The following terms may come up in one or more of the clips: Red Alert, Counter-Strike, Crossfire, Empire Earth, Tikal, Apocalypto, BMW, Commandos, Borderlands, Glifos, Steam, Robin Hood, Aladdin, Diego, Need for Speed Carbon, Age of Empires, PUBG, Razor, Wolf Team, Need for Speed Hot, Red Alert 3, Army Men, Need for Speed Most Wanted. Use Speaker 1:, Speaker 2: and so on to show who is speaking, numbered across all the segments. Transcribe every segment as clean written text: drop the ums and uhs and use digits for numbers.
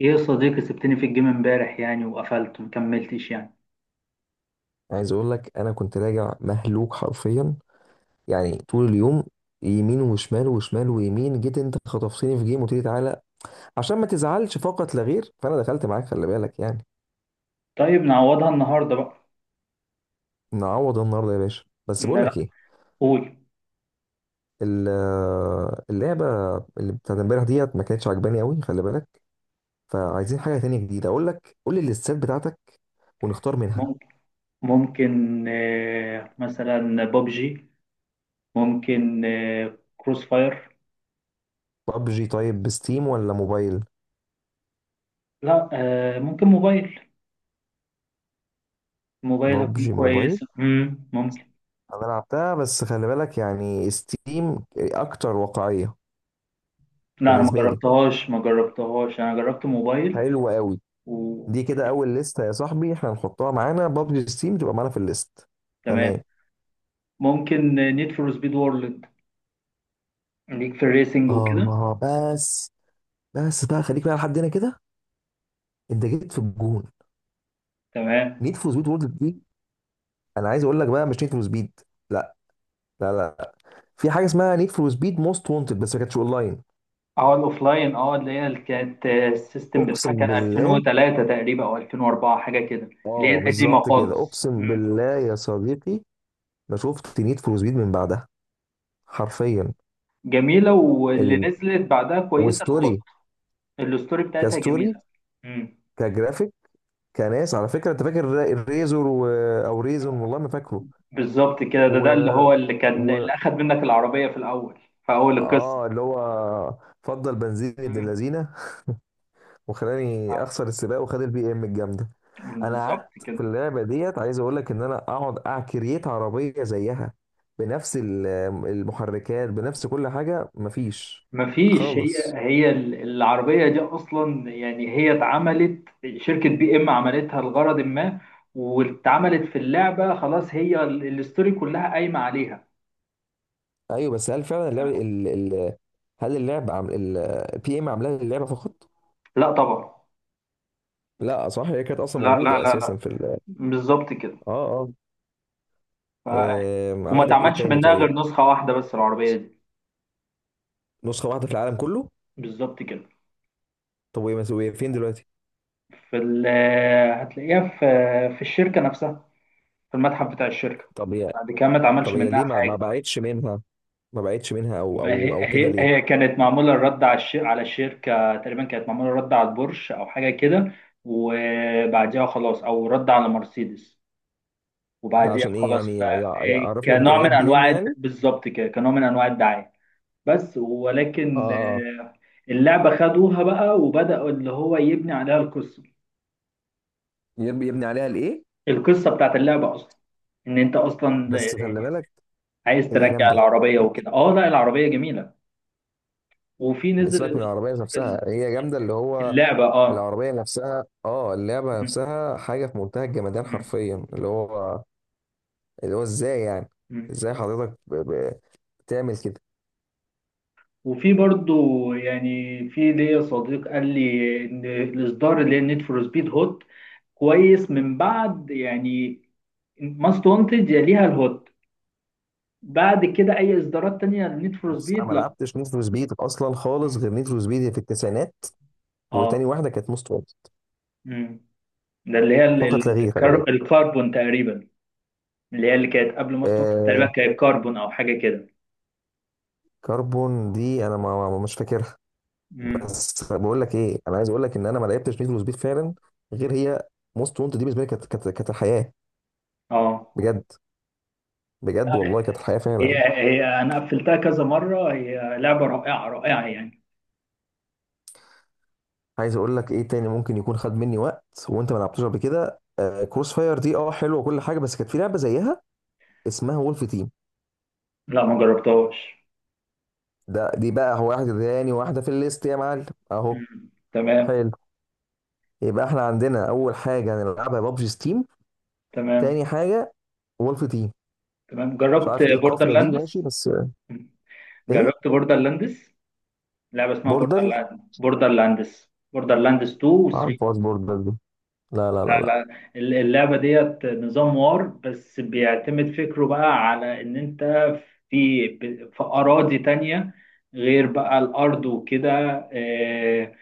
Speaker 1: ايه يا صديقي، سبتني في الجيم امبارح يعني وقفلت مكملتش يعني.
Speaker 2: عايز اقول لك انا كنت راجع مهلوك حرفيا، يعني طول اليوم. يمين وشمال وشمال ويمين، جيت انت خطفتني في جيم وتيجي تعالى عشان ما تزعلش فقط لا غير، فانا دخلت معاك، خلي بالك يعني.
Speaker 1: طيب نعوضها النهارده بقى.
Speaker 2: نعوض النهارده يا باشا. بس
Speaker 1: إن
Speaker 2: بقول
Speaker 1: لا.
Speaker 2: لك ايه،
Speaker 1: قول.
Speaker 2: اللعبه اللي بتاعت امبارح ديت ما كانتش عجباني قوي، خلي بالك. فعايزين حاجه تانية جديده، اقول لك قول لي الليستات بتاعتك ونختار منها.
Speaker 1: ممكن. ممكن مثلا بابجي. ممكن كروس فاير.
Speaker 2: بابجي، طيب، بستيم ولا موبايل؟
Speaker 1: لا، ممكن موبايل. موبايل هتكون
Speaker 2: بابجي موبايل
Speaker 1: كويسة، ممكن.
Speaker 2: انا لعبتها، بس خلي بالك، يعني ستيم اكتر واقعيه
Speaker 1: لا، انا
Speaker 2: بالنسبه لي،
Speaker 1: ما جربتهاش، انا جربت موبايل.
Speaker 2: حلو قوي.
Speaker 1: و
Speaker 2: دي كده اول ليست يا صاحبي، احنا هنحطها معانا، بابجي ستيم تبقى معانا في الليست.
Speaker 1: تمام.
Speaker 2: تمام،
Speaker 1: ممكن نيد فور سبيد وورلد، ليك في الريسنج وكده.
Speaker 2: اه. بس بقى خليك بقى لحد هنا كده، انت جيت في الجون.
Speaker 1: تمام.
Speaker 2: نيد فور سبيد وورلد دي، انا عايز اقول لك بقى مش نيد فور سبيد، لا، لا لا. في حاجه اسمها نيد فور سبيد موست وونتد، بس ما كانتش اونلاين.
Speaker 1: اه الاوفلاين، اه اللي هي كانت السيستم بتاعها
Speaker 2: اقسم
Speaker 1: كان
Speaker 2: بالله،
Speaker 1: 2003 تقريبا، او 2004 حاجه كده. اللي هي
Speaker 2: اه،
Speaker 1: القديمه
Speaker 2: بالظبط كده،
Speaker 1: خالص. مم.
Speaker 2: اقسم بالله. يا صديقي، ما شفت نيد فور سبيد من بعدها، حرفيا.
Speaker 1: جميله، واللي
Speaker 2: ال...
Speaker 1: نزلت بعدها كويسه الهوت.
Speaker 2: وستوري،
Speaker 1: الستوري بتاعتها
Speaker 2: كستوري،
Speaker 1: جميله. مم.
Speaker 2: كجرافيك، كناس. على فكره، انت فاكر الريزور او ريزون؟ والله ما فاكره.
Speaker 1: بالظبط كده، ده
Speaker 2: و...
Speaker 1: ده اللي هو اللي كان
Speaker 2: و...
Speaker 1: اللي اخد منك العربيه في الاول، في اول القصه.
Speaker 2: اه، اللي هو فضل بنزين ابن
Speaker 1: مم.
Speaker 2: اللذينه وخلاني
Speaker 1: آه.
Speaker 2: اخسر السباق وخد البي ام الجامده.
Speaker 1: مم،
Speaker 2: انا
Speaker 1: بالظبط
Speaker 2: قعدت في
Speaker 1: كده.
Speaker 2: اللعبه ديت، عايز اقول لك ان انا اقعد اعكريت عربيه زيها بنفس المحركات، بنفس كل حاجه، مفيش.
Speaker 1: مفيش. هي
Speaker 2: خالص
Speaker 1: هي العربية دي أصلا يعني هي اتعملت، شركة بي إم عملتها لغرض ما، واتعملت في اللعبة. خلاص، هي الاستوري كلها قايمة عليها.
Speaker 2: ايوه، بس هل فعلا اللعبه هل اللعبه البي ام عاملاها للعبه فقط؟
Speaker 1: لا طبعا.
Speaker 2: لا، صح، هي كانت اصلا
Speaker 1: لا، لا،
Speaker 2: موجوده
Speaker 1: لا، لا.
Speaker 2: اساسا في
Speaker 1: بالظبط كده.
Speaker 2: اه. آه.
Speaker 1: ف... وما
Speaker 2: عندك ايه
Speaker 1: اتعملش
Speaker 2: تاني
Speaker 1: منها غير
Speaker 2: طيب؟
Speaker 1: نسخة واحدة بس، العربية دي.
Speaker 2: نسخة واحدة في العالم كله.
Speaker 1: بالظبط كده.
Speaker 2: طب وهي فين دلوقتي؟
Speaker 1: في ال... هتلاقيها في في الشركة نفسها، في المتحف بتاع الشركة.
Speaker 2: طب هي
Speaker 1: بعد كده ما
Speaker 2: طب
Speaker 1: اتعملش
Speaker 2: هي
Speaker 1: منها
Speaker 2: ليه ما
Speaker 1: حاجة.
Speaker 2: بعتش منها؟ ما بعتش منها او
Speaker 1: ما
Speaker 2: او
Speaker 1: هي
Speaker 2: او كده
Speaker 1: هي هي
Speaker 2: ليه؟
Speaker 1: كانت معموله الرد على الشركه. تقريبا كانت معموله الرد على البورش او حاجه كده، وبعديها خلاص، او رد على مرسيدس،
Speaker 2: ده
Speaker 1: وبعديها
Speaker 2: عشان ايه
Speaker 1: خلاص.
Speaker 2: يعني،
Speaker 1: إيه،
Speaker 2: يعرفوا
Speaker 1: كنوع
Speaker 2: امكانيات
Speaker 1: من
Speaker 2: بي ام
Speaker 1: انواع
Speaker 2: يعني؟
Speaker 1: بالظبط كده، كنوع من انواع الدعايه. بس
Speaker 2: اه.
Speaker 1: ولكن.
Speaker 2: آه.
Speaker 1: آه. اللعبه خدوها بقى وبداوا اللي هو يبني عليها القصه،
Speaker 2: يبني عليها الايه؟
Speaker 1: القصه بتاعت اللعبه اصلا، ان انت اصلا
Speaker 2: بس خلي
Speaker 1: يعني
Speaker 2: بالك،
Speaker 1: عايز
Speaker 2: هي
Speaker 1: ترجع
Speaker 2: جامدة.
Speaker 1: العربيه وكده. اه لا، العربيه جميله. وفي نزل
Speaker 2: سيبك من
Speaker 1: ال-
Speaker 2: العربية
Speaker 1: ال-
Speaker 2: نفسها، هي جامدة اللي هو.
Speaker 1: اللعبه اه.
Speaker 2: العربية نفسها، اه، اللعبة
Speaker 1: مم.
Speaker 2: نفسها حاجة في منتهى الجمدان
Speaker 1: مم.
Speaker 2: حرفيا، اللي هو، اللي هو ازاي يعني؟
Speaker 1: مم.
Speaker 2: ازاي حضرتك بتعمل كده؟
Speaker 1: وفي برضو يعني في ليا صديق قال لي ان الاصدار اللي هي نيد فور سبيد هوت كويس من بعد يعني ماست وانتد، يليها الهوت. بعد كده اي اصدارات تانية نيد فور
Speaker 2: بص، انا
Speaker 1: سبيد
Speaker 2: ما
Speaker 1: لا.
Speaker 2: لعبتش نيد فور سبيد اصلا
Speaker 1: مم.
Speaker 2: خالص غير نيد فور سبيد في التسعينات،
Speaker 1: اه.
Speaker 2: وتاني واحده كانت موست وانتد،
Speaker 1: مم. ده اللي هي
Speaker 2: فقط لا غير، خلي بالك.
Speaker 1: الكاربون تقريبا. اللي هي اللي كانت قبل ماست وانتد، تقريبا
Speaker 2: آه،
Speaker 1: كانت كاربون او حاجه كده.
Speaker 2: كاربون دي انا مش فاكرها.
Speaker 1: مم.
Speaker 2: بس بقول لك ايه، انا عايز اقول لك ان انا ما لعبتش نيد فور سبيد فعلا غير هي. موست وانتد دي بالنسبه لي كانت، كانت الحياه.
Speaker 1: اه
Speaker 2: بجد، بجد والله، كانت الحياه
Speaker 1: هي
Speaker 2: فعلا.
Speaker 1: هي انا قفلتها كذا مره، هي لعبه رائعه رائعه يعني.
Speaker 2: عايز اقول لك ايه تاني ممكن يكون خد مني وقت وانت ما لعبتوش قبل كده؟ آه، كروس فاير دي اه حلوه وكل حاجه، بس كانت في لعبه زيها اسمها وولف تيم.
Speaker 1: لا، ما جربتهاش.
Speaker 2: دي بقى هو واحده تاني، واحده في الليست يا معلم، اهو.
Speaker 1: مم. تمام.
Speaker 2: حلو، يبقى احنا عندنا اول حاجه هنلعبها بابجي ستيم،
Speaker 1: تمام.
Speaker 2: تاني حاجه وولف تيم.
Speaker 1: تمام،
Speaker 2: مش
Speaker 1: جربت
Speaker 2: عارف ايه
Speaker 1: بوردر
Speaker 2: القافيه دي
Speaker 1: لاندس.
Speaker 2: ماشي، بس. ايه،
Speaker 1: جربت بوردر لاندس، لعبه اسمها بوردر
Speaker 2: بوردل؟
Speaker 1: لاند. بوردر لاندس 2 و 3.
Speaker 2: عارفاش بوردل دي، لا لا لا
Speaker 1: لا
Speaker 2: لا.
Speaker 1: لا. اللعبه ديت نظام وار، بس بيعتمد فكره بقى على ان انت في اراضي تانية غير بقى الارض وكده، آه،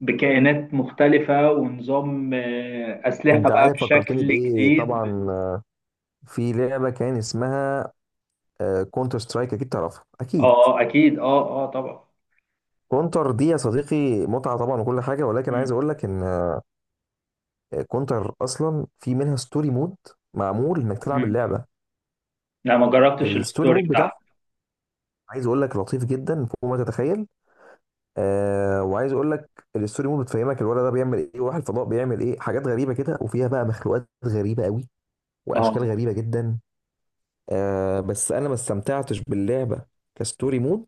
Speaker 1: بكائنات مختلفه، ونظام اسلحه
Speaker 2: انت
Speaker 1: بقى
Speaker 2: عارف فكرتني
Speaker 1: بشكل
Speaker 2: بايه
Speaker 1: جديد.
Speaker 2: طبعا؟ في لعبه كان اسمها كونتر سترايك، اكيد تعرفها اكيد.
Speaker 1: اه اكيد، اه اه طبعا.
Speaker 2: كونتر دي يا صديقي متعه طبعا وكل حاجه، ولكن عايز اقول لك ان كونتر اصلا في منها ستوري مود، معمول انك تلعب
Speaker 1: مم.
Speaker 2: اللعبه.
Speaker 1: لا، ما جربتش
Speaker 2: الستوري
Speaker 1: الستوري
Speaker 2: مود بتاعها،
Speaker 1: بتاعها.
Speaker 2: عايز اقول لك، لطيف جدا فوق ما تتخيل. آه، وعايز اقول لك الستوري مود بتفهمك الولد ده بيعمل ايه، وراح الفضاء بيعمل ايه، حاجات غريبه كده، وفيها بقى مخلوقات غريبه قوي واشكال
Speaker 1: اه،
Speaker 2: غريبه جدا. آه، بس انا ما استمتعتش باللعبه كستوري مود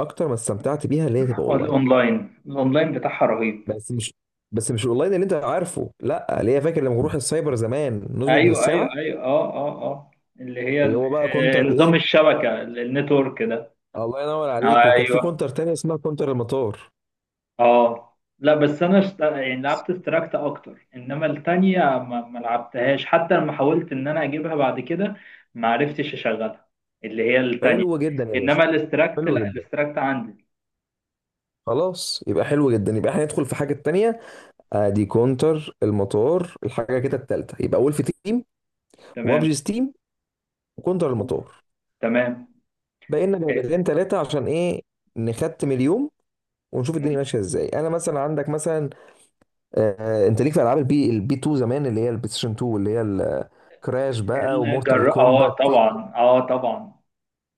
Speaker 2: اكتر ما استمتعت بيها اللي هي تبقى اونلاين.
Speaker 1: الاونلاين بتاعها رهيب.
Speaker 2: بس مش بس مش الاونلاين اللي انت عارفه، لا، اللي هي فاكر لما نروح السايبر زمان نظبط
Speaker 1: ايوه ايوه
Speaker 2: بالساعه،
Speaker 1: ايوه، اه اه اه. اللي هي
Speaker 2: اللي هو بقى كونتر
Speaker 1: نظام
Speaker 2: ايه.
Speaker 1: الشبكه، النتورك ده.
Speaker 2: الله ينور عليك. وكانت في
Speaker 1: ايوه،
Speaker 2: كونتر تانية اسمها كونتر المطار.
Speaker 1: اه. لا بس انا يعني لعبت استراكت اكتر، انما التانية ما لعبتهاش. حتى لما حاولت ان انا اجيبها بعد كده ما عرفتش اشغلها، اللي هي التانية.
Speaker 2: حلو جدا يا باشا،
Speaker 1: انما الاستراكت
Speaker 2: حلو
Speaker 1: لا،
Speaker 2: جدا.
Speaker 1: الاستراكت عندي.
Speaker 2: خلاص، يبقى حلو جدا، يبقى احنا ندخل في حاجه تانية. ادي كونتر المطار الحاجه كده التالته، يبقى ولف تيم
Speaker 1: تمام.
Speaker 2: وبابجي ستيم وكونتر المطار.
Speaker 1: تمام.
Speaker 2: بقينا
Speaker 1: آه،
Speaker 2: جايبتين تلاته، عشان ايه؟ نختم اليوم ونشوف الدنيا ماشيه ازاي. انا مثلا، عندك مثلا، آه، انت ليك في العاب البي 2 زمان، اللي هي البلاي ستيشن 2، اللي هي كراش بقى ومورتال
Speaker 1: اه
Speaker 2: كومبات تيكن.
Speaker 1: طبعا، اه طبعا.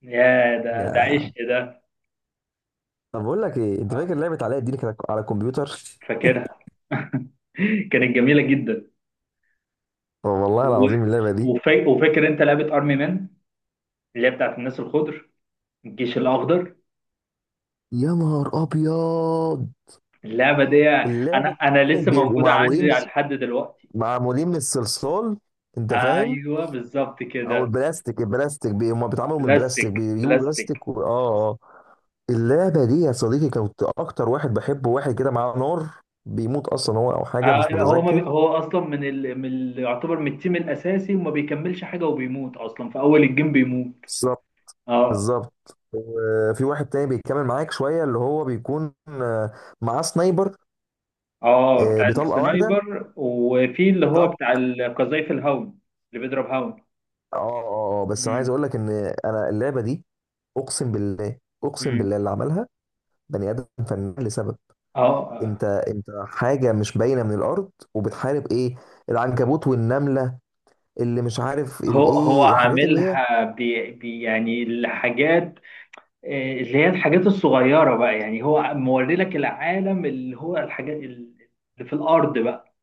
Speaker 1: يا، ده
Speaker 2: يا،
Speaker 1: عيش ده.
Speaker 2: طب بقول لك ايه، انت
Speaker 1: آه،
Speaker 2: فاكر لعبه علاء الدين كانت على الكمبيوتر؟
Speaker 1: فاكرها. كانت جميلة جدا.
Speaker 2: والله
Speaker 1: و...
Speaker 2: العظيم اللعبه دي،
Speaker 1: وفاكر انت لعبة ارمي مان، اللي هي بتاعت الناس الخضر، الجيش الاخضر،
Speaker 2: يا نهار ابيض.
Speaker 1: اللعبة دي.
Speaker 2: اللعبه
Speaker 1: انا
Speaker 2: كانت
Speaker 1: لسه
Speaker 2: بيبقوا
Speaker 1: موجودة
Speaker 2: معمولين
Speaker 1: عندي على لحد دلوقتي.
Speaker 2: معمولين من الصلصال، انت فاهم،
Speaker 1: ايوه بالظبط
Speaker 2: او
Speaker 1: كده.
Speaker 2: البلاستيك هم بيتعملوا من البلاستيك،
Speaker 1: بلاستيك
Speaker 2: بيجيبوا
Speaker 1: بلاستيك.
Speaker 2: بلاستيك اه، اه. اللعبه دي يا صديقي، كنت اكتر واحد بحبه، واحد كده معاه نار، بيموت اصلا هو او حاجه،
Speaker 1: آه،
Speaker 2: مش
Speaker 1: هو ما بي...
Speaker 2: متذكر.
Speaker 1: هو اصلا من يعتبر من التيم الاساسي، وما بيكملش حاجة، وبيموت اصلا في اول الجيم بيموت.
Speaker 2: بالظبط،
Speaker 1: اه
Speaker 2: بالظبط، وفي واحد تاني بيتكلم معاك شويه، اللي هو بيكون معاه سنايبر.
Speaker 1: اه،
Speaker 2: آه،
Speaker 1: بتاع
Speaker 2: بطلقه واحده،
Speaker 1: السنايبر، وفي اللي هو
Speaker 2: تك.
Speaker 1: بتاع قذايف الهاون، اللي بيضرب هاون.
Speaker 2: اه، اه، آه. بس انا
Speaker 1: مم.
Speaker 2: عايز اقول لك ان انا اللعبه دي، اقسم بالله، اقسم
Speaker 1: مم.
Speaker 2: بالله، اللي عملها بني ادم فنان لسبب.
Speaker 1: اه
Speaker 2: انت حاجه مش باينه من الارض، وبتحارب ايه؟ العنكبوت والنمله اللي مش عارف
Speaker 1: هو
Speaker 2: الايه، الحاجات اللي هي
Speaker 1: عاملها بي بي يعني الحاجات، اللي هي الحاجات الصغيرة بقى يعني، هو موري لك العالم اللي هو الحاجات اللي في الأرض بقى.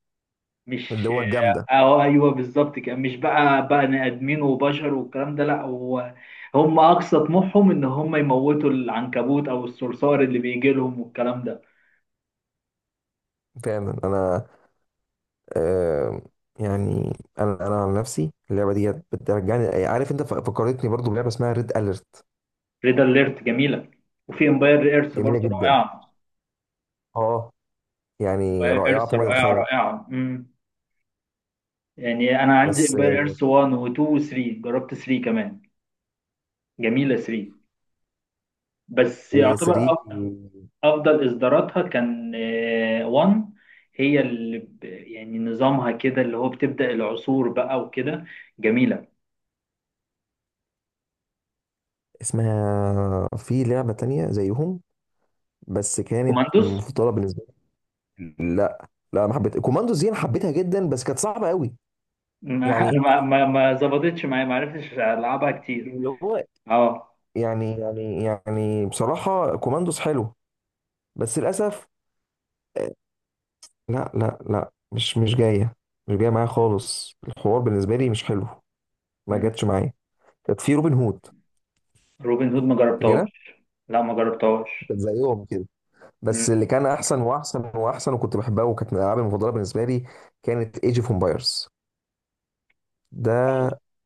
Speaker 2: اللي
Speaker 1: مش
Speaker 2: هو الجامده.
Speaker 1: اه، ايوه بالظبط كده. مش بقى بني آدمين وبشر والكلام ده لا، هو هم أقصى طموحهم إن هم يموتوا العنكبوت أو الصرصار اللي بيجي لهم والكلام ده.
Speaker 2: فعلا، انا، آه، يعني، انا عن نفسي اللعبه دي بترجعني. عارف، انت فكرتني برضو بلعبه اسمها ريد اليرت،
Speaker 1: ريد اليرت جميله، وفي امباير ايرث برضه
Speaker 2: جميله جدا،
Speaker 1: رائعه.
Speaker 2: اه، يعني
Speaker 1: امباير
Speaker 2: رائعه
Speaker 1: ايرث
Speaker 2: فوق ما
Speaker 1: رائعه
Speaker 2: تتخيل.
Speaker 1: رائعه. يعني انا عندي
Speaker 2: بس
Speaker 1: امباير ايرث 1 و2 و3، جربت 3 كمان. جميله 3، بس
Speaker 2: إيه،
Speaker 1: يعتبر
Speaker 2: 3.
Speaker 1: افضل اصداراتها كان 1. هي اللي يعني نظامها كده، اللي هو بتبدا العصور بقى وكده. جميله.
Speaker 2: اسمها في لعبه تانية زيهم بس كانت
Speaker 1: كوماندوس.
Speaker 2: مفضله بالنسبه لي. لا لا، ما حبيت كوماندو زي، انا حبيتها جدا بس كانت صعبه قوي.
Speaker 1: ما انا
Speaker 2: يعني
Speaker 1: ما ظبطتش معايا، ما عرفتش العبها كتير.
Speaker 2: اللي هو،
Speaker 1: اه.
Speaker 2: يعني بصراحه كوماندوز حلو، بس للاسف. آه، لا لا لا، مش جايه، مش جايه معايا خالص. الحوار بالنسبه لي مش حلو، ما
Speaker 1: مم.
Speaker 2: جاتش معايا. كانت في روبن هود
Speaker 1: روبن هود ما
Speaker 2: كده،
Speaker 1: جربتهاش. لا، ما جربتهاش.
Speaker 2: كانت زيهم كده،
Speaker 1: مم.
Speaker 2: بس اللي كان احسن واحسن واحسن، وكنت بحبها وكانت من الالعاب المفضله بالنسبه لي، كانت ايج اوف امبايرز. ده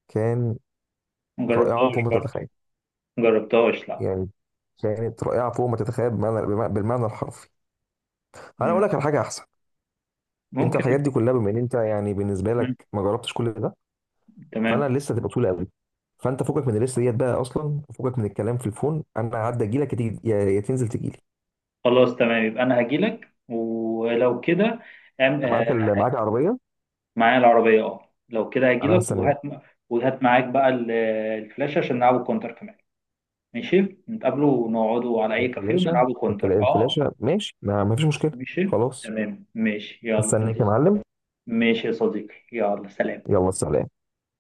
Speaker 2: كان رائعه فوق
Speaker 1: مجربتهاش
Speaker 2: ما
Speaker 1: برضه.
Speaker 2: تتخيل،
Speaker 1: مجربتهاش لا.
Speaker 2: يعني كانت رائعه فوق ما تتخيل بمعنى، بالمعنى الحرفي. انا
Speaker 1: مم.
Speaker 2: اقول لك على حاجه احسن؟ انت
Speaker 1: ممكن.
Speaker 2: الحاجات دي كلها بما ان انت يعني بالنسبه
Speaker 1: مم.
Speaker 2: لك ما جربتش كل ده،
Speaker 1: تمام.
Speaker 2: فانا لسه هتبقى طويله قوي. فانت فوقك من اللسه ديت بقى، اصلا فوقك من الكلام في الفون. انا هعدي اجي لك، تيجي يا تنزل تجي لي؟
Speaker 1: خلاص تمام، يبقى انا هجيلك ولو كده. أم...
Speaker 2: انت
Speaker 1: آه،
Speaker 2: معاك معاك عربيه؟
Speaker 1: معايا العربية اه، لو كده
Speaker 2: انا
Speaker 1: هجيلك.
Speaker 2: هستنى
Speaker 1: وهات، وهات معاك بقى الفلاشة، عشان نلعبوا كونتر كمان. ماشي، نتقابلوا ونقعدوا على أي كافيه
Speaker 2: الفلاشه،
Speaker 1: ونلعبوا كونتر اه.
Speaker 2: الفلاشه ماشي، ما فيش مشكله.
Speaker 1: ماشي
Speaker 2: خلاص،
Speaker 1: تمام، ماشي يلا في
Speaker 2: استناك يا
Speaker 1: انتظار.
Speaker 2: معلم.
Speaker 1: ماشي يا صديقي، يلا سلام.
Speaker 2: يلا سلام.